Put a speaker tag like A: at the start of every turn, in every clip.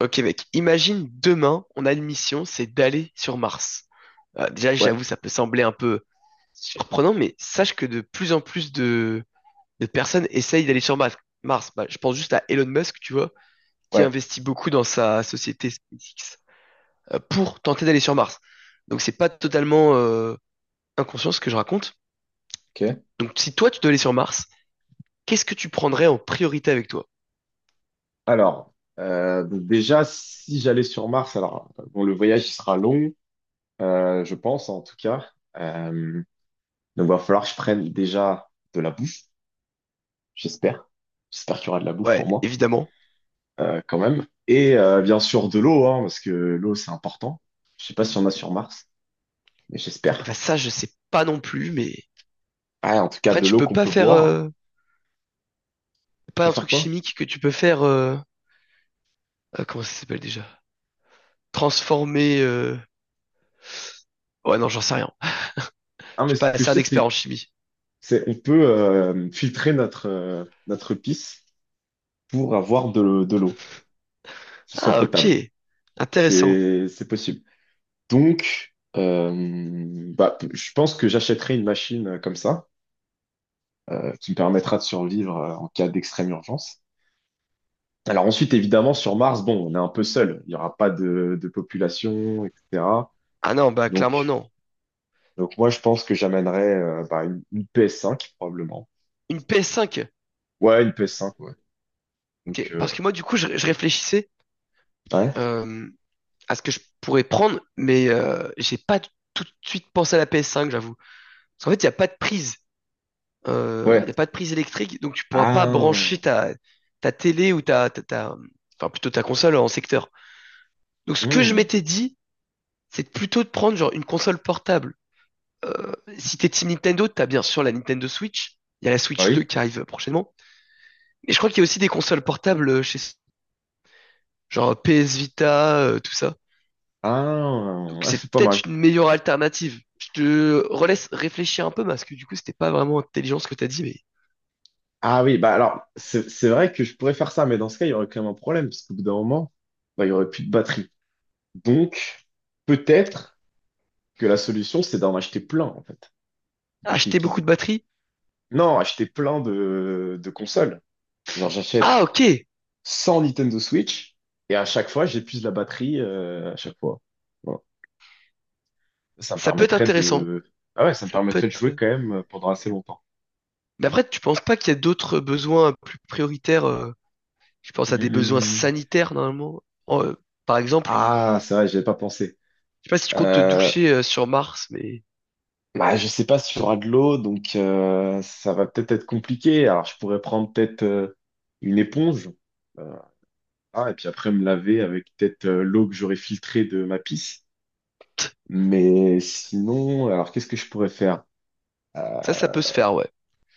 A: Ok mec, imagine demain, on a une mission, c'est d'aller sur Mars. Déjà,
B: Ouais,
A: j'avoue, ça peut sembler un peu surprenant, mais sache que de plus en plus de personnes essayent d'aller sur Mars. Mars. Bah, je pense juste à Elon Musk, tu vois, qui
B: ouais,
A: investit beaucoup dans sa société SpaceX pour tenter d'aller sur Mars. Donc c'est pas totalement inconscient ce que je raconte.
B: ok.
A: Donc si toi tu dois aller sur Mars, qu'est-ce que tu prendrais en priorité avec toi?
B: Alors, donc déjà, si j'allais sur Mars, bon, le voyage, il sera long, je pense, en tout cas. Euh, donc, va falloir que je prenne déjà de la bouffe, j'espère. J'espère qu'il y aura de la bouffe
A: Ouais,
B: pour moi,
A: évidemment.
B: quand même. Et bien sûr, de l'eau, hein, parce que l'eau, c'est important. Je sais pas si on a sur Mars, mais
A: Et bah
B: j'espère.
A: ça, je sais pas non plus, mais
B: Ah, en tout cas,
A: après
B: de
A: tu
B: l'eau
A: peux
B: qu'on
A: pas
B: peut
A: faire.
B: boire.
A: euh, C'est
B: On
A: pas
B: peut
A: un
B: faire
A: truc
B: quoi?
A: chimique que tu peux faire. Comment ça s'appelle déjà? Transformer. Ouais, non, j'en sais rien.
B: Ah,
A: Je
B: mais
A: suis
B: ce
A: pas
B: que
A: assez
B: je
A: un
B: sais,
A: expert
B: c'est,
A: en chimie.
B: c'est on peut filtrer notre, notre pisse pour avoir de l'eau qui soit
A: Ah,
B: potable.
A: ok. Intéressant.
B: C'est possible. Je pense que j'achèterai une machine comme ça, qui me permettra de survivre en cas d'extrême urgence. Alors ensuite, évidemment, sur Mars, bon, on est un peu seul. Il n'y aura pas de population, etc.
A: Ah non, bah clairement
B: Donc,
A: non.
B: donc moi, je pense que j'amènerai une PS5, probablement.
A: Une PS5.
B: Ouais, une PS5, ouais. Donc,
A: Ok.
B: euh,
A: Parce que moi, du coup, je réfléchissais
B: ouais,
A: euh, à ce que je pourrais prendre, mais j'ai pas tout de suite pensé à la PS5, j'avoue. Parce qu'en fait, il n'y a pas de prise. Il
B: ouais.
A: n'y a pas de prise électrique, donc tu pourras pas brancher
B: Ah,
A: ta télé ou enfin plutôt ta console en secteur. Donc ce que je
B: hmm,
A: m'étais dit, c'est plutôt de prendre genre une console portable. Euh, Si t'es Team Nintendo, t'as bien sûr la Nintendo Switch. Il y a la
B: bah
A: Switch
B: oui.
A: 2 qui arrive prochainement. Mais je crois qu'il y a aussi des consoles portables chez genre PS Vita, tout ça.
B: Ah,
A: Donc
B: ah, c'est
A: c'est
B: pas mal.
A: peut-être une meilleure alternative. Je te relaisse réfléchir un peu parce que du coup c'était pas vraiment intelligent ce que t'as dit, mais
B: Ah oui, bah alors, c'est vrai que je pourrais faire ça, mais dans ce cas, il y aurait quand même un problème, parce qu'au bout d'un moment, bah, il y aurait plus de batterie. Donc, peut-être que la solution, c'est d'en acheter plein, en fait. De, qu'ils-
A: acheter
B: qu'ils
A: beaucoup de
B: aient-
A: batteries.
B: Non, acheter plein de consoles. Genre,
A: Ah
B: j'achète
A: ok,
B: 100 Nintendo Switch, et à chaque fois, j'épuise la batterie, à chaque fois. Voilà. Ça me
A: ça peut être
B: permettrait
A: intéressant.
B: de... Ah ouais, ça me
A: Ça peut
B: permettrait de
A: être.
B: jouer quand même pendant assez longtemps.
A: Mais après, tu penses pas qu'il y a d'autres besoins plus prioritaires? Je pense
B: Hum,
A: à des
B: hum,
A: besoins
B: hum.
A: sanitaires normalement. En- euh, Par exemple,
B: Ah, c'est vrai, j'avais pas pensé.
A: sais pas si tu comptes te
B: Euh,
A: doucher sur Mars, mais
B: Bah, je sais pas s'il y aura de l'eau donc ça va peut-être être compliqué. Alors, je pourrais prendre peut-être une éponge, euh, ah, et puis après me laver avec peut-être l'eau que j'aurais filtrée de ma pisse. Mais sinon, alors qu'est-ce que je pourrais faire?
A: ça peut se faire, ouais.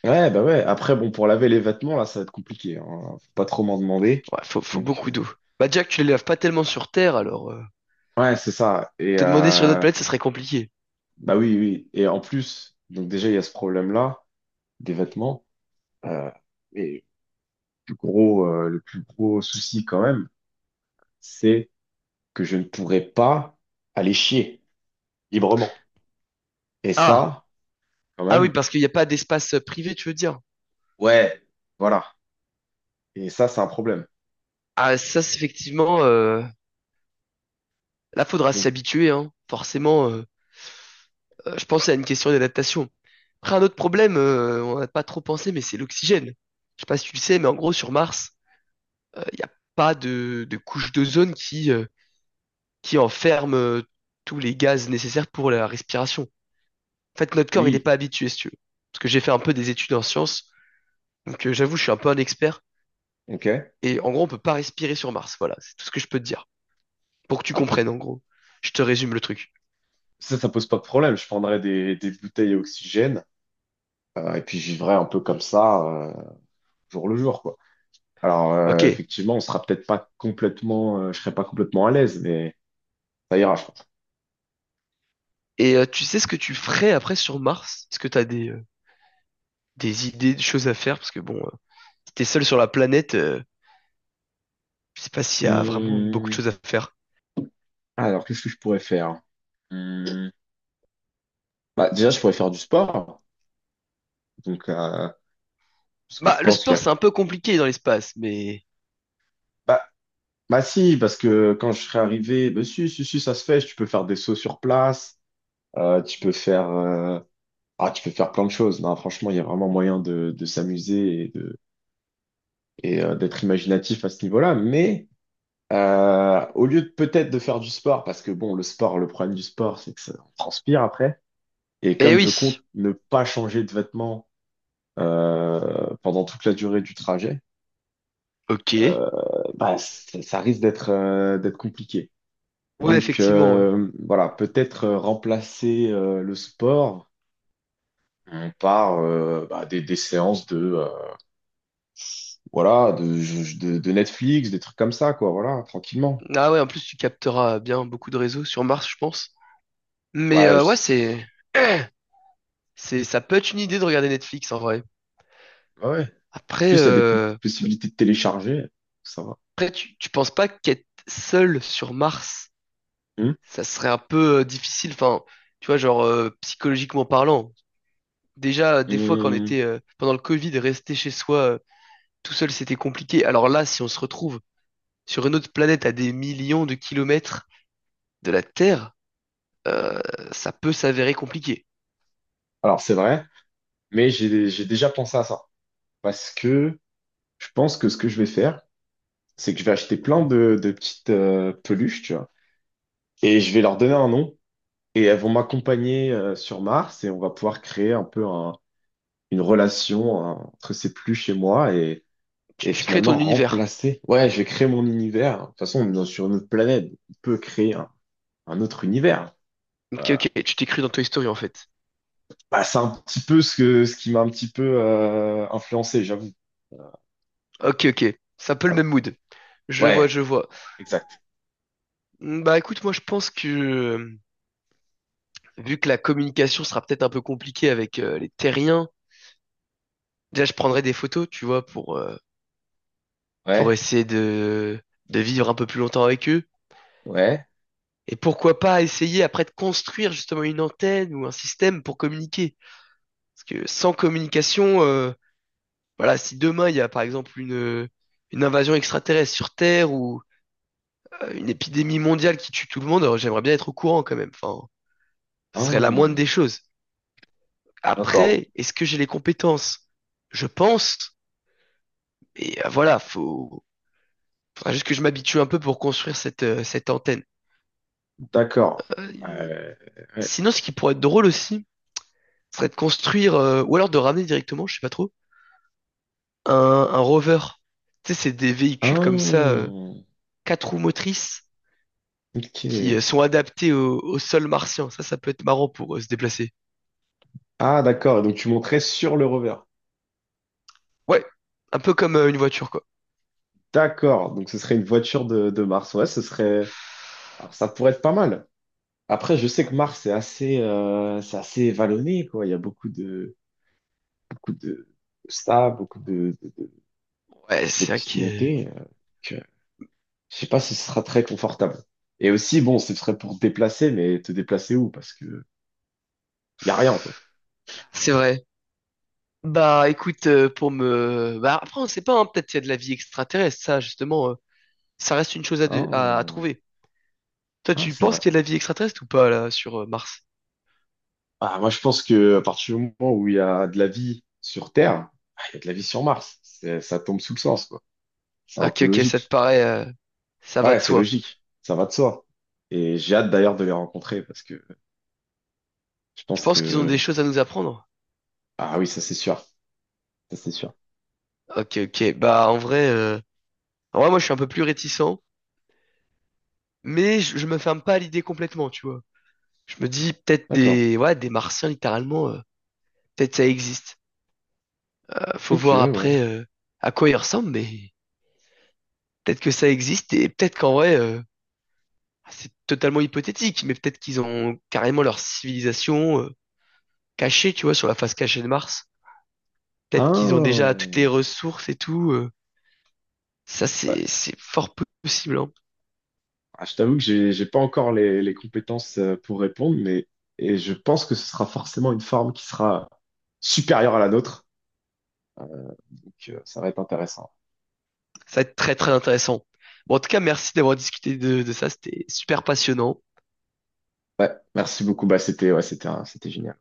B: Ouais, bah ouais. Après, bon, pour laver les vêtements, là, ça va être compliqué, hein. Faut pas trop m'en demander.
A: Ouais, faut
B: Donc,
A: beaucoup
B: euh,
A: d'eau. Bah, Jack, tu les laves pas tellement sur Terre, alors
B: ouais, c'est ça. Et
A: te demander sur une autre planète, ça serait compliqué.
B: bah oui, oui. Et en plus, donc déjà, il y a ce problème-là des vêtements. Euh, et le plus gros, le plus gros souci quand même, c'est que je ne pourrais pas aller chier librement. Et
A: Ah,
B: ça, quand
A: ah oui,
B: même,
A: parce qu'il n'y a pas d'espace privé, tu veux dire.
B: ouais, voilà. Et ça, c'est un problème.
A: Ah, ça, c'est effectivement, là, faudra s'y
B: Donc,
A: habituer, hein. Forcément, je pense à une question d'adaptation. Après, un autre problème, on n'a pas trop pensé, mais c'est l'oxygène. Je sais pas si tu le sais, mais en gros, sur Mars, il n'y a pas de couche d'ozone qui qui enferme tous les gaz nécessaires pour la respiration. En fait, notre corps, il n'est
B: oui,
A: pas habitué, si tu veux. Parce que j'ai fait un peu des études en sciences, donc j'avoue, je suis un peu un expert.
B: ok.
A: Et en gros, on peut pas respirer sur Mars. Voilà, c'est tout ce que je peux te dire. Pour que tu
B: On peut...
A: comprennes, en gros. Je te résume le truc.
B: Ça pose pas de problème. Je prendrais des bouteilles à oxygène et puis je vivrais un peu comme ça, jour le jour, quoi.
A: Ok.
B: Effectivement, on sera peut-être pas complètement, je serai pas complètement à l'aise, mais ça ira, je pense.
A: Et tu sais ce que tu ferais après sur Mars? Est-ce que t'as des idées, des choses à faire? Parce que bon, si t'es seul sur la planète, je sais pas s'il y a vraiment beaucoup de
B: Hum.
A: choses à faire.
B: Alors, qu'est-ce que je pourrais faire? Hum. Bah, déjà, je pourrais faire du sport. Donc, euh, Parce que
A: Bah,
B: je
A: le
B: pense qu'il
A: sport,
B: y a...
A: c'est un peu compliqué dans l'espace, mais...
B: Bah si, parce que quand je serai arrivé, bah si, si, si, ça se fait, tu peux faire des sauts sur place, tu peux faire ah, tu peux faire plein de choses. Non, franchement, il y a vraiment moyen de s'amuser et de et d'être imaginatif à ce niveau-là. Mais au lieu de peut-être de faire du sport, parce que bon, le sport, le problème du sport, c'est que ça on transpire après. Et
A: Eh
B: comme je
A: oui.
B: compte ne pas changer de vêtements pendant toute la durée du trajet,
A: Ok.
B: euh, bah, ça risque d'être compliqué.
A: Ouais, effectivement, ouais.
B: Voilà, peut-être remplacer le sport par des séances de voilà de Netflix, des trucs comme ça quoi, voilà, tranquillement.
A: Ah ouais, en plus, tu capteras bien beaucoup de réseaux sur Mars, je pense. Mais
B: Ouais,
A: euh, ouais,
B: je-
A: c'est, c'est, ça peut être une idée de regarder Netflix en vrai.
B: ouais, ouais. En
A: Après,
B: plus, il y a des p-
A: euh,
B: possibilités de télécharger, ça va.
A: après tu penses pas qu'être seul sur Mars,
B: Hum,
A: ça serait un peu difficile, enfin, tu vois, genre psychologiquement parlant. Déjà, des fois, quand on
B: hum.
A: était pendant le Covid, rester chez soi tout seul, c'était compliqué. Alors là, si on se retrouve sur une autre planète à des millions de kilomètres de la Terre, ça peut s'avérer compliqué.
B: Alors c'est vrai, mais j'ai déjà pensé à ça parce que je pense que ce que je vais faire, c'est que je vais acheter plein de petites peluches, tu vois, et je vais leur donner un nom, et elles vont m'accompagner sur Mars et on va pouvoir créer un peu une relation hein, entre ces pluches et moi et
A: Tu crées
B: finalement
A: ton univers.
B: remplacer. Ouais, je vais créer mon univers. De toute façon, sur une autre planète. On peut créer un autre univers.
A: Ok,
B: Euh,
A: ok, tu t'es cru dans Toy Story en fait.
B: Bah, c'est un petit peu ce que, ce qui m'a un petit peu influencé, j'avoue.
A: Ok, ok. C'est un peu le
B: Voilà.
A: même mood. Je vois,
B: Ouais,
A: je vois.
B: exact.
A: Mm, bah écoute, moi je pense que vu que la communication sera peut-être un peu compliquée avec les terriens, déjà je prendrai des photos, tu vois, pour
B: Ouais,
A: essayer de vivre un peu plus longtemps avec eux.
B: ouais.
A: Et pourquoi pas essayer après de construire justement une antenne ou un système pour communiquer. Parce que sans communication, voilà, si demain il y a par exemple une invasion extraterrestre sur Terre ou une épidémie mondiale qui tue tout le monde, alors j'aimerais bien être au courant quand même. Enfin, ce serait la moindre
B: Hum,
A: des choses.
B: d'accord,
A: Après, est-ce que j'ai les compétences? Je pense, mais voilà, faut... faudra juste que je m'habitue un peu pour construire cette antenne.
B: d'accord.
A: Euh,
B: Euh, ouais.
A: Sinon, ce qui pourrait être drôle aussi, ce serait de construire, ou alors de ramener directement, je sais pas trop, un, un rover. Tu sais, c'est des véhicules comme ça,
B: Hum,
A: quatre roues motrices, qui
B: ok.
A: euh, sont adaptés au sol martien. Ça peut être marrant pour se déplacer.
B: Ah, d'accord. Et donc, tu montrais sur le rover.
A: Ouais, un peu comme une voiture, quoi.
B: D'accord, donc ce serait une voiture de Mars. Ouais, ce serait. Alors, ça pourrait être pas mal. Après, je sais que Mars, c'est assez vallonné, quoi. Il y a beaucoup de stars, beaucoup
A: Ouais,
B: de
A: c'est vrai
B: petites
A: que...
B: montées. Que je sais pas si ce sera très confortable. Et aussi, bon, ce serait pour te déplacer, mais te déplacer où? Parce que y a rien, quoi.
A: C'est vrai. Bah écoute, pour me... Bah après, on sait pas, hein, peut-être qu'il y a de la vie extraterrestre, ça justement, ça reste une chose
B: Hein,
A: à
B: on-
A: trouver. Toi,
B: hein,
A: tu
B: c'est
A: penses
B: vrai.
A: qu'il y a de la vie extraterrestre ou pas là sur Mars?
B: Ah, moi, je pense que à partir du moment où il y a de la vie sur Terre, ah, il y a de la vie sur Mars. Ça tombe sous le sens, quoi. C'est un
A: Ok,
B: peu
A: ok, ça te
B: logique.
A: paraît, ça va
B: Ouais,
A: de
B: c'est
A: soi.
B: logique, ça va de soi. Et j'ai hâte d'ailleurs de les rencontrer parce que je
A: Tu
B: pense
A: penses qu'ils ont des
B: que...
A: choses à nous apprendre?
B: Ah oui, ça c'est sûr, ça c'est sûr.
A: Ok, ok, bah en vrai, moi je suis un peu plus réticent, mais je me ferme pas à l'idée complètement, tu vois. Je me dis peut-être
B: D'accord.
A: des, ouais, des Martiens littéralement, peut-être ça existe. Faut
B: Ok,
A: voir
B: ouais.
A: après à quoi ils ressemblent, mais peut-être que ça existe et peut-être qu'en vrai... C'est totalement hypothétique, mais peut-être qu'ils ont carrément leur civilisation cachée, tu vois, sur la face cachée de Mars. Peut-être qu'ils ont déjà
B: Ah,
A: toutes les ressources et tout. Ça,
B: bah,
A: c'est fort possible, hein.
B: je t'avoue que j'ai pas encore les compétences pour répondre, mais et je pense que ce sera forcément une forme qui sera supérieure à la nôtre. Ça va être intéressant.
A: Ça va être très très intéressant. Bon, en tout cas, merci d'avoir discuté de ça. C'était super passionnant.
B: Ouais, merci beaucoup. Bah, c'était ouais, c'était c'était génial.